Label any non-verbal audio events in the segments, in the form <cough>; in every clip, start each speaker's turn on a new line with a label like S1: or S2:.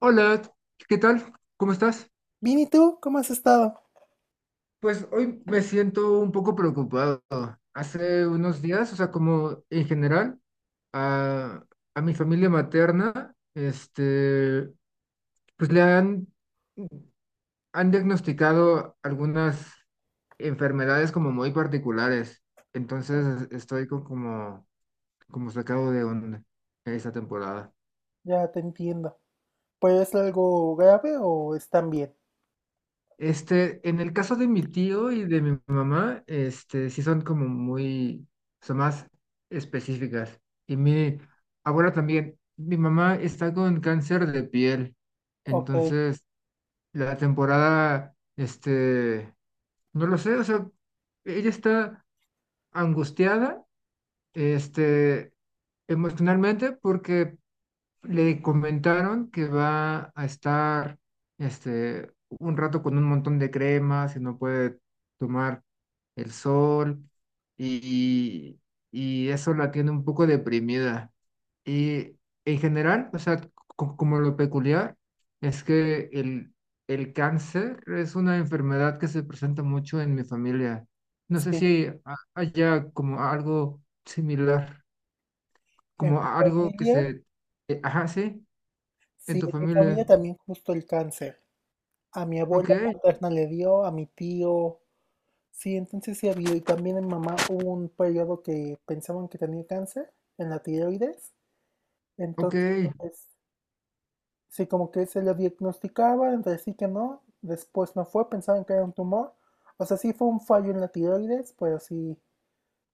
S1: Hola, ¿qué tal? ¿Cómo estás?
S2: Bien, ¿y tú? ¿Cómo has estado?
S1: Pues hoy me siento un poco preocupado. Hace unos días, o sea, como en general, a, a mi familia materna, pues han diagnosticado algunas enfermedades como muy particulares. Entonces estoy como sacado de onda esta temporada.
S2: Ya te entiendo. ¿Pues es algo grave o están bien?
S1: Este, en el caso de mi tío y de mi mamá, sí son como muy, son más específicas. Y mi abuela también, mi mamá está con cáncer de piel,
S2: Ok,
S1: entonces la temporada, no lo sé, o sea, ella está angustiada, este, emocionalmente porque le comentaron que va a estar un rato con un montón de cremas y no puede tomar el sol y, y eso la tiene un poco deprimida. Y en general, o sea, como lo peculiar es que el cáncer es una enfermedad que se presenta mucho en mi familia. No sé
S2: sí.
S1: si haya como algo similar,
S2: En
S1: como
S2: mi
S1: algo que
S2: familia,
S1: se... Ajá, sí. En
S2: sí,
S1: tu
S2: en mi familia
S1: familia.
S2: también justo el cáncer. A mi abuela
S1: Ok,
S2: paterna le dio, a mi tío, sí, entonces sí ha habido. Y también en mamá hubo un periodo que pensaban que tenía cáncer en la tiroides.
S1: ok,
S2: Entonces, sí, como que se lo diagnosticaba, entre sí que no. Después no fue, pensaban que era un tumor. O sea, sí fue un fallo en la tiroides, pero sí,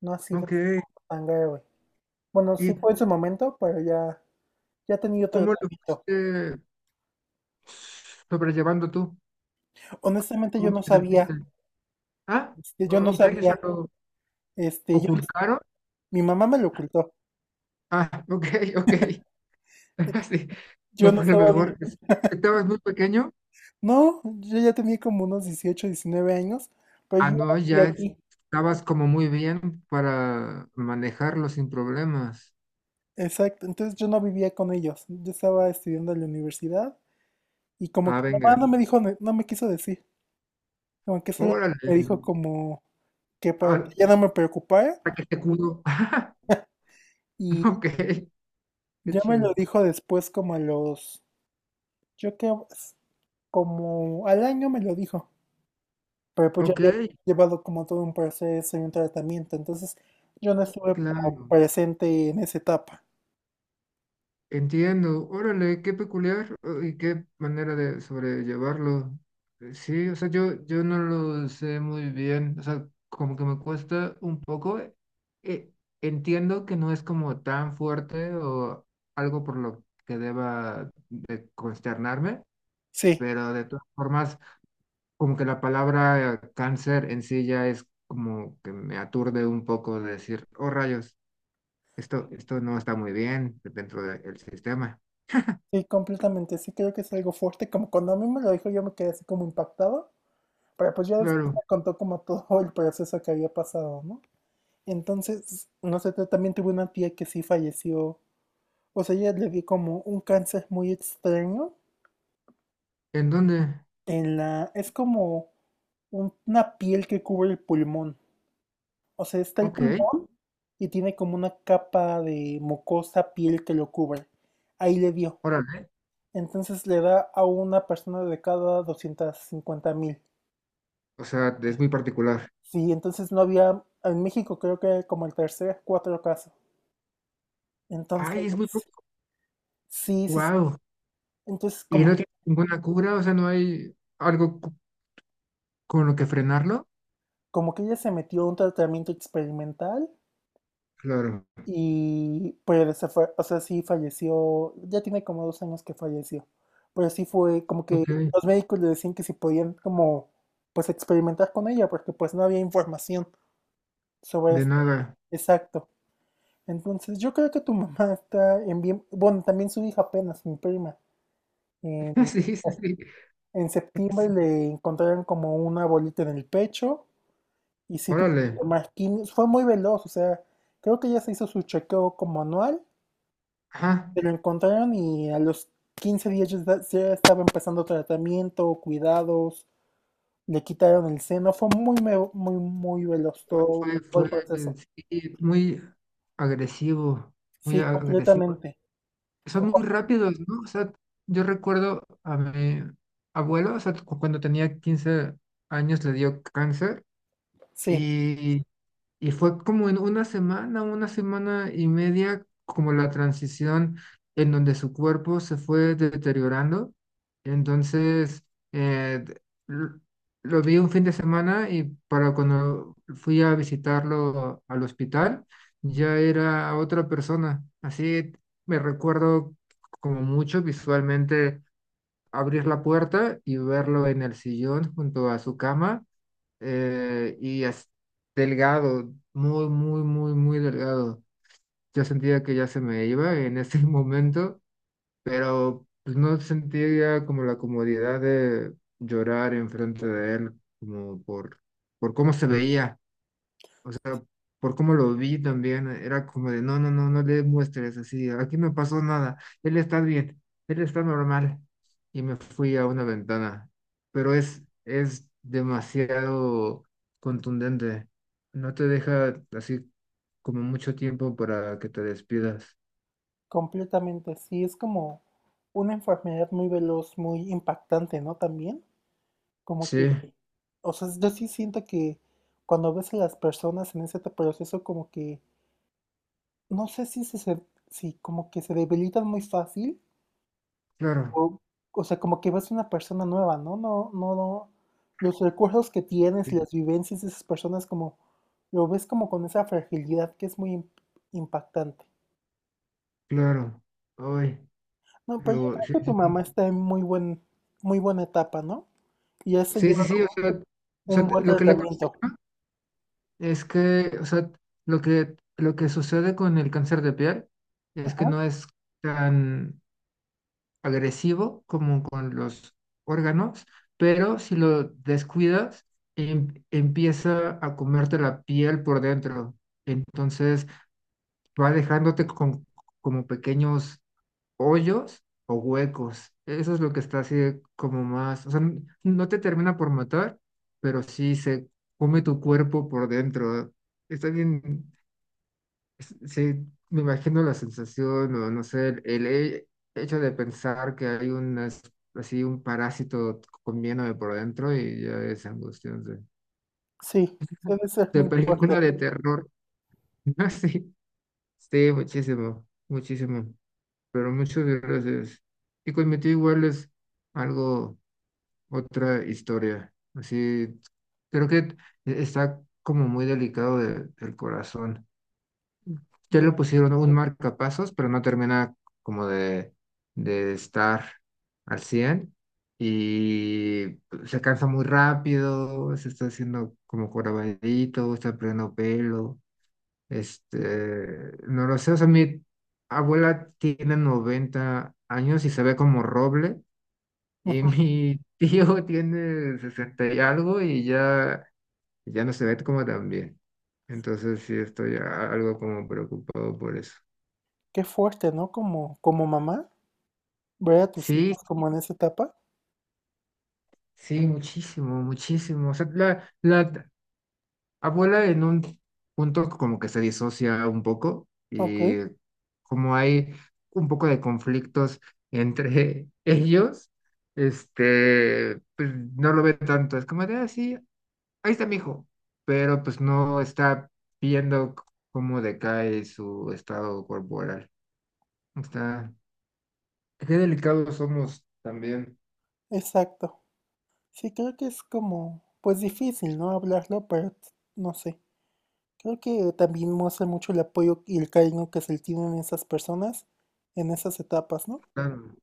S2: no ha sido
S1: ok.
S2: así como tan grave. Bueno, sí
S1: ¿Y
S2: fue en su momento, pero ya, ya ha tenido
S1: cómo lo
S2: tratamiento.
S1: fuiste sobrellevando tú?
S2: Honestamente, yo
S1: ¿Cómo
S2: no
S1: te sentiste?
S2: sabía,
S1: Ah,
S2: yo no
S1: ok, o sea,
S2: sabía,
S1: lo
S2: este, yo, no-
S1: ocultaron.
S2: mi mamá me lo ocultó.
S1: Ah, ok, ok. <laughs> Sí,
S2: Yo
S1: no
S2: no
S1: fue lo
S2: estaba, vi-
S1: mejor. ¿Estabas muy pequeño?
S2: No, yo ya tenía como unos 18, 19 años, pero
S1: Ah,
S2: yo ya
S1: no,
S2: no vivía aquí.
S1: estabas como muy bien para manejarlo sin problemas.
S2: Exacto, entonces yo no vivía con ellos. Yo estaba estudiando en la universidad y como
S1: Ah,
S2: que mi mamá
S1: venga.
S2: no me dijo, no me quiso decir, como que solo me
S1: Órale.
S2: dijo como que para que ya
S1: Ah,
S2: no me preocupara
S1: para que te cudo. <laughs>
S2: y
S1: Ok, qué
S2: ya me
S1: chido.
S2: lo dijo después como a los, yo creo, es como al año me lo dijo, pero pues yo
S1: Ok,
S2: había llevado como todo un proceso y un tratamiento, entonces yo no estuve como
S1: claro.
S2: presente en esa etapa.
S1: Entiendo, órale, qué peculiar y qué manera de sobrellevarlo. Sí, o sea, yo no lo sé muy bien, o sea, como que me cuesta un poco. Eh, entiendo que no es como tan fuerte o algo por lo que deba de consternarme,
S2: Sí.
S1: pero de todas formas, como que la palabra cáncer en sí ya es como que me aturde un poco de decir, oh rayos, esto no está muy bien dentro del sistema.
S2: Sí, completamente. Sí, creo que es algo fuerte. Como cuando a mí me lo dijo, yo me quedé así como impactado. Pero pues ya después
S1: Claro.
S2: me contó como todo el proceso que había pasado, ¿no? Entonces, no sé, yo también tuve una tía que sí falleció. O sea, ella le dio como un cáncer muy extraño
S1: ¿En dónde?
S2: en la... Es como una piel que cubre el pulmón. O sea, está el
S1: Ok,
S2: pulmón y tiene como una capa de mucosa piel que lo cubre. Ahí le dio.
S1: órale.
S2: Entonces le da a una persona de cada 250.000.
S1: O sea, es muy particular.
S2: Sí, entonces no había, en México creo que como el tercer, cuatro casos.
S1: Ay, es muy
S2: Entonces,
S1: particular.
S2: sí, sí, sí.
S1: Wow.
S2: Entonces
S1: ¿Y no tiene
S2: como,
S1: ninguna cura? O sea, ¿no hay algo con lo que frenarlo?
S2: como que ella se metió a un tratamiento experimental
S1: Claro.
S2: y pues se fue, o sea, sí falleció, ya tiene como dos años que falleció. Pero sí fue como que
S1: Ok,
S2: los médicos le decían que si podían como pues experimentar con ella porque pues no había información sobre
S1: de
S2: esto.
S1: nada.
S2: Exacto. Entonces, yo creo que tu mamá está en bien, bueno, también su hija apenas, mi prima, en,
S1: <laughs> Sí, sí, sí.
S2: en septiembre
S1: Sí.
S2: le encontraron como una bolita en el pecho y sí tuvo
S1: Órale.
S2: que tomar quimio, fue muy veloz, o sea, creo que ya se hizo su chequeo como anual,
S1: Ajá.
S2: se lo encontraron y a los 15 días ya, ya estaba empezando tratamiento, cuidados, le quitaron el seno, fue muy, muy, muy veloz todo,
S1: Fue,
S2: todo
S1: fue,
S2: el
S1: eh,
S2: proceso,
S1: sí, muy agresivo, muy
S2: sí,
S1: agresivo.
S2: completamente,
S1: Son muy
S2: Afortun-
S1: rápidos, ¿no? O sea, yo recuerdo a mi abuelo, o sea, cuando tenía 15 años le dio cáncer
S2: sí.
S1: y Y fue como en una semana y media, como la transición en donde su cuerpo se fue deteriorando. Entonces, eh, d- l- lo vi un fin de semana y para cuando fui a visitarlo al hospital, ya era otra persona. Así me recuerdo como mucho visualmente abrir la puerta y verlo en el sillón junto a su cama eh, y as- delgado, muy, muy, muy, muy delgado. Yo sentía que ya se me iba en ese <laughs> momento, pero pues, no sentía como la comodidad de llorar enfrente de él, como por cómo se veía sea, por cómo lo vi también, era como de, no, no, no, no le muestres así, aquí no pasó nada, él está bien, él está normal. Y me fui a una ventana, pero es demasiado contundente, no te deja así como mucho tiempo para que te despidas.
S2: Completamente, sí, es como una enfermedad muy veloz, muy impactante, ¿no? También, como que,
S1: Sí,
S2: o sea, yo sí siento que cuando ves a las personas en ese proceso, como que, no sé si se, se- si como que se debilitan muy fácil,
S1: claro,
S2: o, o sea, como que ves una persona nueva, ¿no? No, no, no, los recursos que tienes,
S1: sí,
S2: las vivencias de esas personas, como, lo ves como con esa fragilidad que es muy impactante.
S1: claro, hoy,
S2: No, pero yo
S1: lo, sí,
S2: creo que tu
S1: sí,
S2: mamá
S1: sí,
S2: está en muy buen, muy buena etapa, ¿no? Y ese
S1: sí,
S2: lleva
S1: sí, sí, o
S2: un
S1: sea,
S2: buen
S1: lo que le
S2: tratamiento.
S1: costó. Es que, o sea, lo que sucede con el cáncer de piel es que
S2: Ajá.
S1: no es tan agresivo como con los órganos, pero si lo descuidas, empieza a comerte la piel por dentro. Entonces va dejándote como pequeños hoyos o huecos. Eso es lo que está así como más, o sea, no te termina por matar, pero sí se come tu cuerpo por dentro. Está bien. Sí, me imagino la sensación, o no sé, hecho de pensar que hay un, así un parásito comiéndome por dentro y ya es angustiante.
S2: Sí, debe ser
S1: De
S2: muy fuerte.
S1: película de terror. <laughs> Ah, sí, sí, muchísimo, muchísimo. Pero muchas gracias. Y conmigo igual es algo, otra historia. Así, creo que está como muy delicado del corazón. Ya
S2: Ya.
S1: le pusieron un marcapasos, pero no termina como de estar al 100 y pues, se cansa muy rápido, se está haciendo como jorobadito, está perdiendo pelo, este, no lo sé, o sea, mi abuela tiene 90 años y se ve como roble y
S2: Ujú.
S1: mi <laughs> tío tiene 60 y algo y ya, ya no se ve como tan bien. Entonces sí estoy algo como preocupado por eso.
S2: Qué fuerte, ¿no? Como, como mamá, ver a tus
S1: Sí,
S2: hijos como en esa etapa.
S1: sí, muchísimo, muchísimo. O sea, la abuela en un punto como que se disocia un poco
S2: Ok,
S1: y como hay un poco de conflictos entre <laughs> ellos, este, pues no lo ve tanto. Es como de, ah, sí, ahí está mi hijo, pero pues no está viendo cómo decae su estado corporal. Está, qué delicados somos también.
S2: exacto. Sí, creo que es como, pues difícil, ¿no? Hablarlo, pero no sé. Creo que también muestra mucho el apoyo y el cariño que se le tienen esas personas en esas etapas, ¿no?
S1: Claro.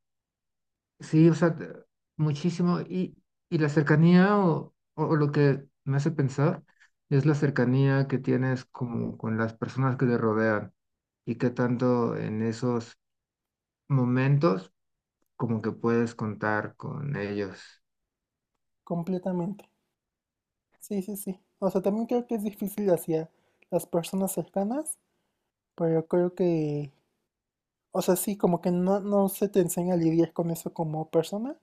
S1: Sí, o sea, muchísimo. Y la cercanía o lo que me hace pensar es la cercanía que tienes como con las personas que te rodean y qué tanto en esos momentos como que puedes contar con ellos.
S2: Completamente. Sí, sí, sí. O sea, también creo que es difícil hacia las personas cercanas, pero creo que o sea, sí, como que no, no se te enseña a lidiar con eso como persona.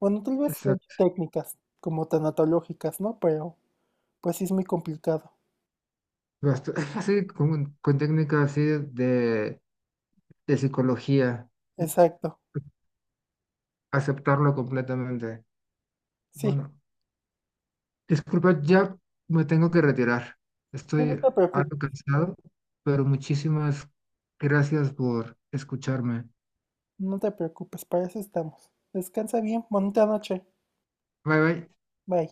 S2: Bueno, tal vez sí hay
S1: Exacto.
S2: técnicas como tanatológicas, ¿no? Pero pues sí es muy complicado.
S1: <laughs> Así con técnicas así de psicología,
S2: Exacto.
S1: aceptarlo completamente.
S2: Sí,
S1: Bueno, disculpa, ya me tengo que retirar.
S2: sí, no
S1: Estoy
S2: te
S1: algo
S2: preocupes,
S1: cansado, pero muchísimas gracias por escucharme.
S2: no te preocupes, para eso estamos. Descansa bien, bonita noche.
S1: Bye bye.
S2: Bye.